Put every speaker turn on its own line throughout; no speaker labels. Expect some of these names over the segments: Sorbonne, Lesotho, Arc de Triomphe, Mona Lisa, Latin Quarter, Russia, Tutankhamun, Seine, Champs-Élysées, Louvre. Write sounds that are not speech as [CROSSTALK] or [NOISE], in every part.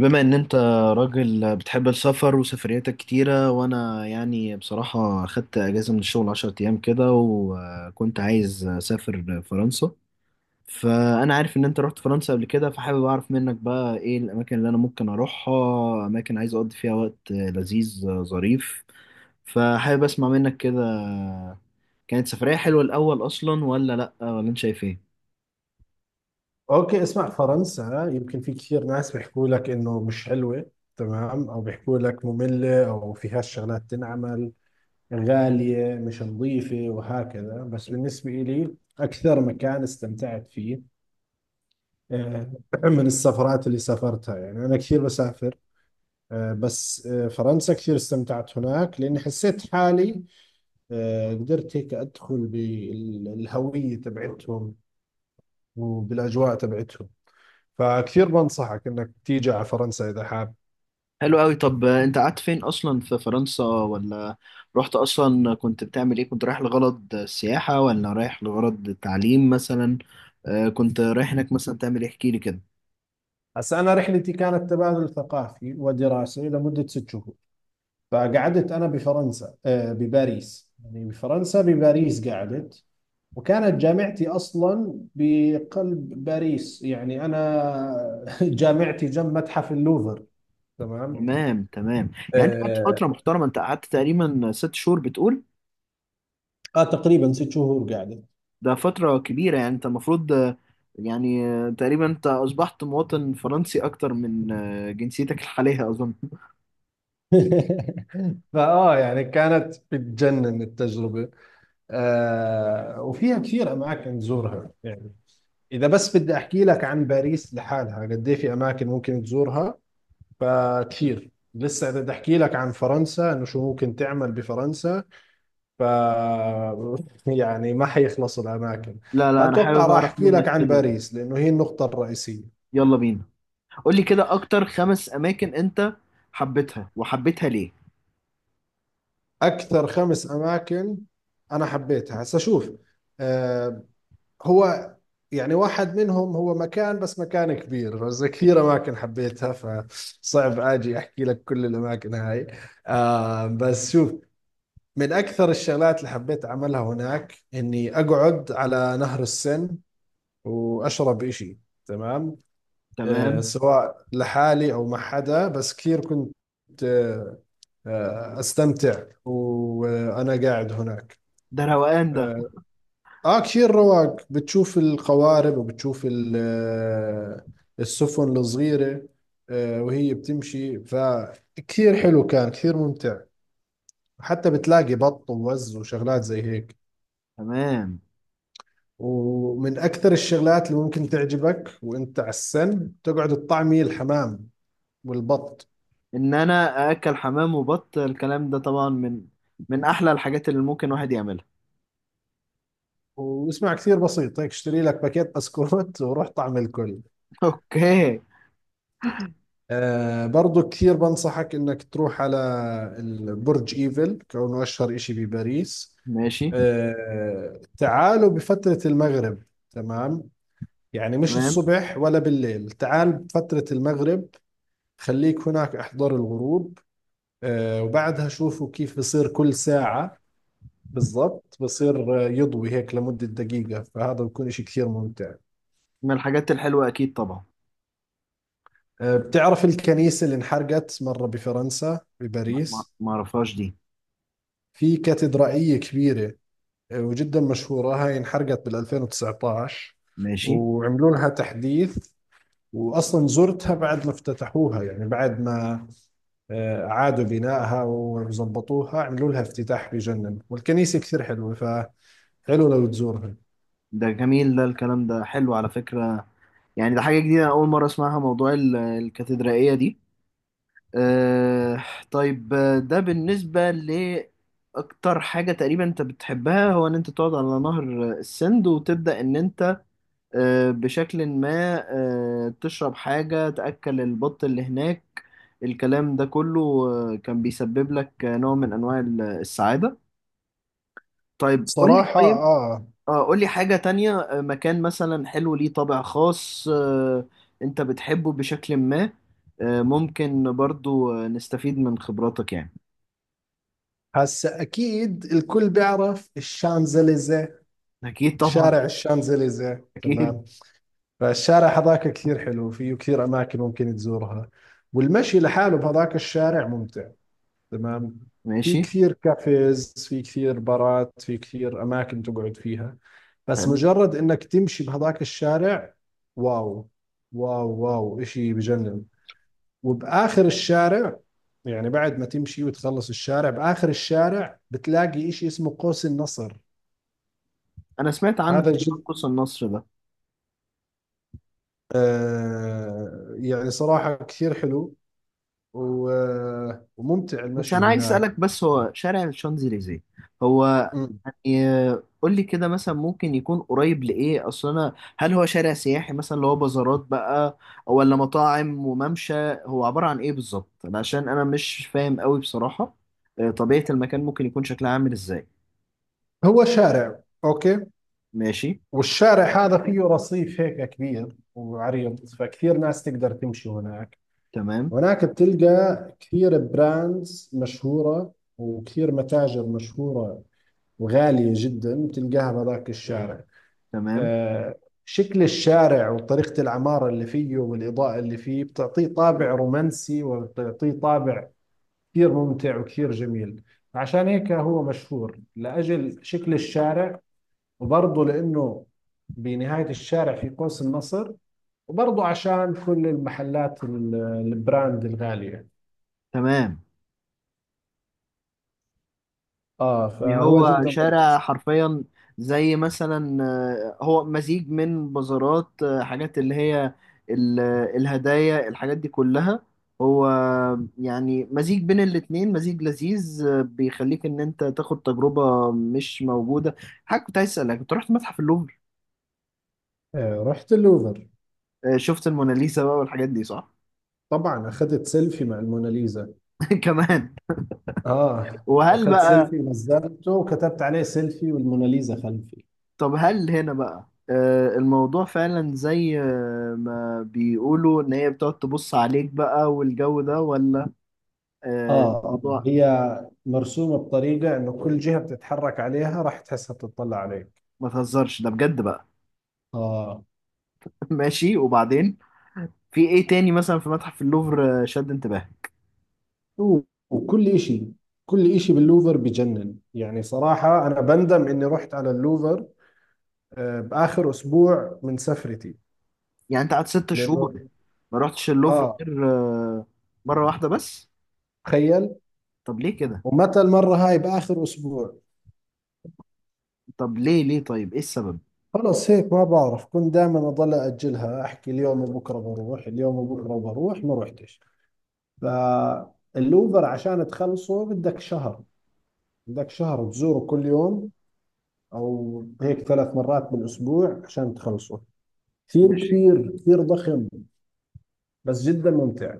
بما ان انت راجل بتحب السفر وسفرياتك كتيرة، وانا يعني بصراحة خدت اجازة من الشغل 10 ايام كده، وكنت عايز اسافر فرنسا. فانا عارف ان انت رحت فرنسا قبل كده، فحابب اعرف منك بقى ايه الاماكن اللي انا ممكن اروحها. اماكن عايز اقضي فيها وقت لذيذ ظريف. فحابب اسمع منك كده. كانت سفرية حلوة الاول اصلا ولا لا، ولا انت شايف ايه؟
اوكي، اسمع. فرنسا يمكن في كثير ناس بيحكوا لك انه مش حلوة. تمام، او بيحكوا لك مملة او فيهاش شغلات تنعمل، غالية، مش نظيفة وهكذا. بس بالنسبة لي اكثر مكان استمتعت فيه آه، [CLEARS THROAT] من السفرات اللي سافرتها، يعني انا كثير بسافر. بس فرنسا كثير استمتعت هناك لاني حسيت حالي. قدرت هيك ادخل بالهوية تبعتهم وبالاجواء تبعتهم. فكثير بنصحك انك تيجي على فرنسا اذا حاب.
حلو قوي. طب انت قعدت فين اصلا في فرنسا؟ ولا رحت اصلا كنت بتعمل ايه؟ كنت رايح لغرض سياحة ولا رايح لغرض تعليم مثلا؟ كنت رايح هناك مثلا تعمل ايه، احكي لي كده.
هسا أنا رحلتي كانت تبادل ثقافي ودراسي لمدة 6 شهور. فقعدت أنا بفرنسا، بباريس. يعني بفرنسا بباريس قعدت. وكانت جامعتي أصلا بقلب باريس، يعني أنا [LAUGHS] جامعتي جنب متحف اللوفر. تمام.
تمام تمام، يعني انت قعدت
آه.
فترة محترمة، انت قعدت تقريبا 6 شهور بتقول.
تقريبا 6 شهور قعدت.
ده فترة كبيرة، يعني انت المفروض يعني تقريبا انت اصبحت مواطن فرنسي اكتر من جنسيتك الحالية اظن.
[LAUGHS] فاه يعني كانت بتجنن التجربة. آه وفيها كثير أماكن تزورها يعني. إذا بس بدي أحكي لك عن باريس لحالها قد إيه في أماكن ممكن تزورها. فكثير لسه، إذا بدي أحكي لك عن فرنسا إنه شو ممكن تعمل بفرنسا، ف [LAUGHS] يعني ما حيخلص الأماكن.
لا لا، انا
فأتوقع
حابب
راح
اعرف
أحكي لك
منك
عن
كده.
باريس لأنه هي النقطة الرئيسية.
يلا بينا، قول لي كده اكتر خمس اماكن انت حبيتها، وحبيتها ليه؟
أكثر 5 أماكن أنا حبيتها، هسا شوف. آه، هو، يعني واحد منهم هو مكان، بس مكان كبير. بس كثير اماكن حبيتها، فصعب اجي احكي لك كل الاماكن هاي. آه بس شوف. من اكثر الشغلات اللي حبيت اعملها هناك اني اقعد على نهر السن واشرب اشي. تمام. آه
تمام.
سواء لحالي او مع حدا، بس كثير كنت آه استمتع وانا قاعد هناك.
ده روقان ده.
آه، اه كثير رواق. بتشوف القوارب وبتشوف السفن الصغيرة وهي بتمشي. فكثير حلو كان، كثير ممتع. حتى بتلاقي بط ووز وشغلات زي هيك.
تمام.
ومن أكثر الشغلات اللي ممكن تعجبك وانت على السن تقعد تطعمي الحمام والبط.
ان انا اكل حمام وبط الكلام ده طبعا من احلى الحاجات اللي ممكن واحد يعملها.
واسمع، كثير بسيط هيك، اشتري لك باكيت بسكوت [LAUGHS] وروح طعم الكل.
[LAUGHS] اوكي.
آه برضو كثير بنصحك انك تروح على البرج ايفل كونه اشهر اشي بباريس.
ماشي.
تعالوا بفترة المغرب. تمام. يعني مش
تمام.
الصبح ولا بالليل، تعال بفترة المغرب. خليك هناك احضر الغروب. آه وبعدها شوفوا كيف بصير كل ساعة بالضبط. بصير يضوي هيك لمدة دقيقة، فهذا بكون اشي كثير ممتع.
من الحاجات الحلوة اكيد طبعا.
آه بتعرف الكنيسة اللي انحرقت مرة بفرنسا بباريس؟
ما اعرفهاش دي.
في كاتدرائية كبيرة وجدا مشهورة. هاي انحرقت بال 2019
ماشي.
وعملوا لها تحديث. واصلا زرتها بعد ما افتتحوها، يعني بعد ما اعادوا بنائها وزبطوها، عملوا لها افتتاح بجنن، والكنيسة كثير حلوة. فحلو لو تزورها.
ده جميل ده، الكلام ده حلو على فكرة. يعني ده حاجة جديدة، أنا أول مرة أسمعها، موضوع الكاتدرائية دي. آه. طيب، ده بالنسبة لأكتر حاجة تقريبا أنت بتحبها، هو إن أنت تقعد على نهر السند، وتبدأ إن أنت آه بشكل ما، آه تشرب حاجة، تأكل البط اللي هناك، الكلام ده كله آه كان بيسبب لك نوع من أنواع السعادة. طيب قول لي.
صراحة
طيب
اه.
اه قول لي حاجة تانية، مكان مثلا حلو ليه طابع خاص، آه أنت بتحبه بشكل ما، آه ممكن برضو نستفيد من خبراتك يعني.
هسا اكيد الكل بيعرف الشانزليزيه.
اكيد طبعا.
شارع الشانزليزيه،
اكيد.
تمام. فالشارع هذاك كثير حلو، فيه كثير اماكن ممكن تزورها. والمشي لحاله بهذاك الشارع ممتع. تمام. في
ماشي.
كثير كافيز، في كثير بارات، في كثير أماكن تقعد فيها. بس
حلو.
مجرد إنك تمشي بهذاك الشارع، واو. واو واو، إشي بجنن. وبآخر الشارع، يعني بعد ما تمشي وتخلص الشارع، بآخر الشارع بتلاقي إشي اسمه قوس النصر.
انا سمعت عنه
هذا
تقريبا،
جد.
قوس النصر ده.
آه يعني صراحة كثير حلو وممتع
بس
المشي
انا عايز
هناك.
اسالك، بس هو شارع الشانزليزيه، هو
م.
ي- قول لي كده، مثلا ممكن يكون قريب لايه؟ اصل انا هل هو شارع سياحي مثلا اللي هو بازارات بقى، ولا مطاعم وممشى؟ هو عباره عن ايه بالظبط؟ عشان انا مش فاهم قوي بصراحه. طبيعه المكان ممكن يكون شكلها عامل ازاي؟
هو شارع، أوكي.
ماشي.
والشارع هذا فيه رصيف هيك كبير وعريض، فكثير ناس تقدر تمشي هناك.
تمام
هناك بتلقى كثير براندز مشهورة وكثير متاجر مشهورة وغالية جدا تلقاها بهذاك الشارع.
تمام
آه، شكل الشارع وطريقة العمارة اللي فيه والإضاءة اللي فيه بتعطيه طابع رومانسي وبتعطيه طابع كثير ممتع وكثير جميل. عشان هيك هو مشهور لأجل شكل الشارع. وبرضه لأنه بنهاية الشارع في قوس النصر. وبرضه عشان كل المحلات البراند الغالية.
تمام.
آه
يعني
فهو
هو
جدا
شارع
رومانسي.
حرفيا، زي مثلا هو مزيج من بازارات، حاجات اللي هي ال- الهدايا، الحاجات دي كلها. هو يعني مزيج بين الاتنين، مزيج لذيذ، بيخليك ان انت تاخد تجربة مش موجودة. حاجة كنت عايز اسألك، انت رحت متحف اللوفر؟
آه رحت اللوفر.
شفت الموناليزا بقى والحاجات دي صح؟
طبعا أخذت سيلفي مع الموناليزا.
[LAUGHS] كمان.
آه
وهل
أخذت
بقى،
سيلفي نزلته وكتبت عليه سيلفي والموناليزا خلفي.
طب هل هنا بقى الموضوع فعلا زي ما بيقولوا ان هي بتقعد تبص عليك بقى والجو ده، ولا
آه آه
الموضوع؟
هي مرسومة بطريقة إنه كل جهة بتتحرك عليها راح تحسها بتطلع عليك.
ما تهزرش ده بجد بقى.
آه.
[LAUGHS] ماشي. وبعدين في ايه تاني مثلا في متحف اللوفر شد انتباهك؟
وكل إشي باللوفر بجنن، يعني صراحة أنا بندم إني رحت على اللوفر بآخر أسبوع من سفرتي.
يعني انت قعدت 6 شهور
لأنه
ما رحتش اللوفر
آه
غير مرة واحدة بس؟
تخيل.
طب ليه كده؟
ومتى المرة هاي؟ بآخر أسبوع.
طب ليه طيب ايه السبب؟
خلص هيك ما بعرف، كنت دائما أضل أجلها، أحكي اليوم وبكرة بروح، اليوم وبكرة بروح، ما رحتش. فاللوفر عشان تخلصه بدك شهر. بدك شهر تزوره كل يوم، أو هيك 3 مرات بالأسبوع عشان تخلصه. كثير
ماشي.
كبير، كثير ضخم. بس جدا ممتع.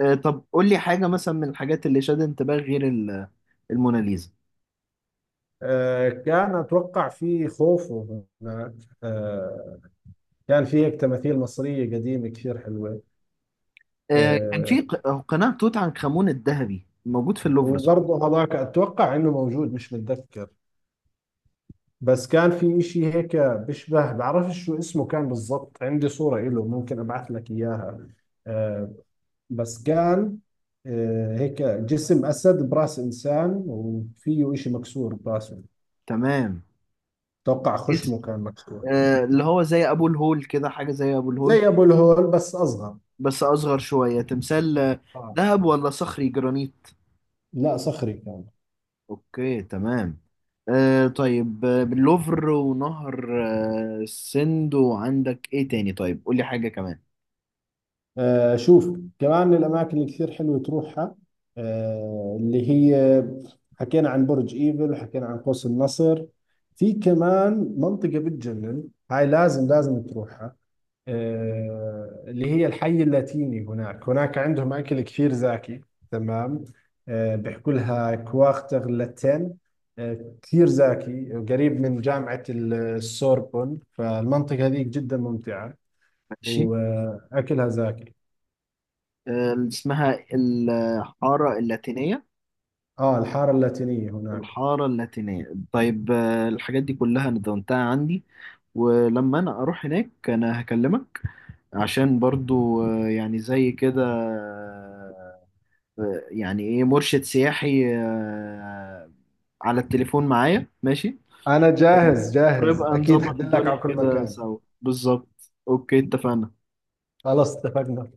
طب قول لي حاجة مثلا من الحاجات اللي شد انتباهك غير الموناليزا.
كان أتوقع في خوف هناك. آه، كان في هيك تماثيل مصرية قديمة كثير حلوة.
كان
آه،
في قناع توت عنخ امون الذهبي موجود في اللوفر صح؟
وبرضه هذاك أتوقع إنه موجود، مش متذكر. بس كان في إشي هيك بيشبه، بعرفش شو اسمه كان بالضبط، عندي صورة إله ممكن أبعث لك إياها. آه، بس كان هيك جسم أسد برأس إنسان، وفيه إشي مكسور برأسه.
تمام.
أتوقع
اسم-
خشمه كان مكسور.
اللي هو زي ابو الهول كده، حاجه زي ابو الهول
زي أبو الهول بس أصغر.
بس اصغر شويه، تمثال
آه.
ذهب ولا صخري جرانيت؟
لا، صخري كان.
اوكي تمام. آه طيب، باللوفر ونهر السند، وعندك ايه تاني؟ طيب قولي حاجه كمان.
آه شوف كمان من الأماكن اللي كثير حلوة تروحها، آه اللي هي، حكينا عن برج إيفل وحكينا عن قوس النصر، في كمان منطقة بتجنن، هاي لازم لازم تروحها. آه اللي هي الحي اللاتيني. هناك هناك عندهم أكل كثير زاكي. تمام. آه بيحكوا لها كواختر لاتين. آه كثير زاكي، قريب من جامعة السوربون، فالمنطقة هذيك جدا ممتعة.
ماشي.
واكلها زاكي.
آه اسمها الحاره اللاتينيه.
اه الحاره اللاتينيه هناك.
الحارة اللاتينية. طيب، الحاجات دي كلها أنا دونتها عندي، ولما أنا أروح هناك أنا هكلمك، عشان برضو يعني زي كده، يعني إيه مرشد سياحي على التليفون معايا. ماشي
انا جاهز جاهز،
ونبقى
اكيد
نظبط
حدلك على
الدنيا
كل
كده
مكان.
سوا بالظبط. أوكي اتفقنا.
خلاص اتفقنا.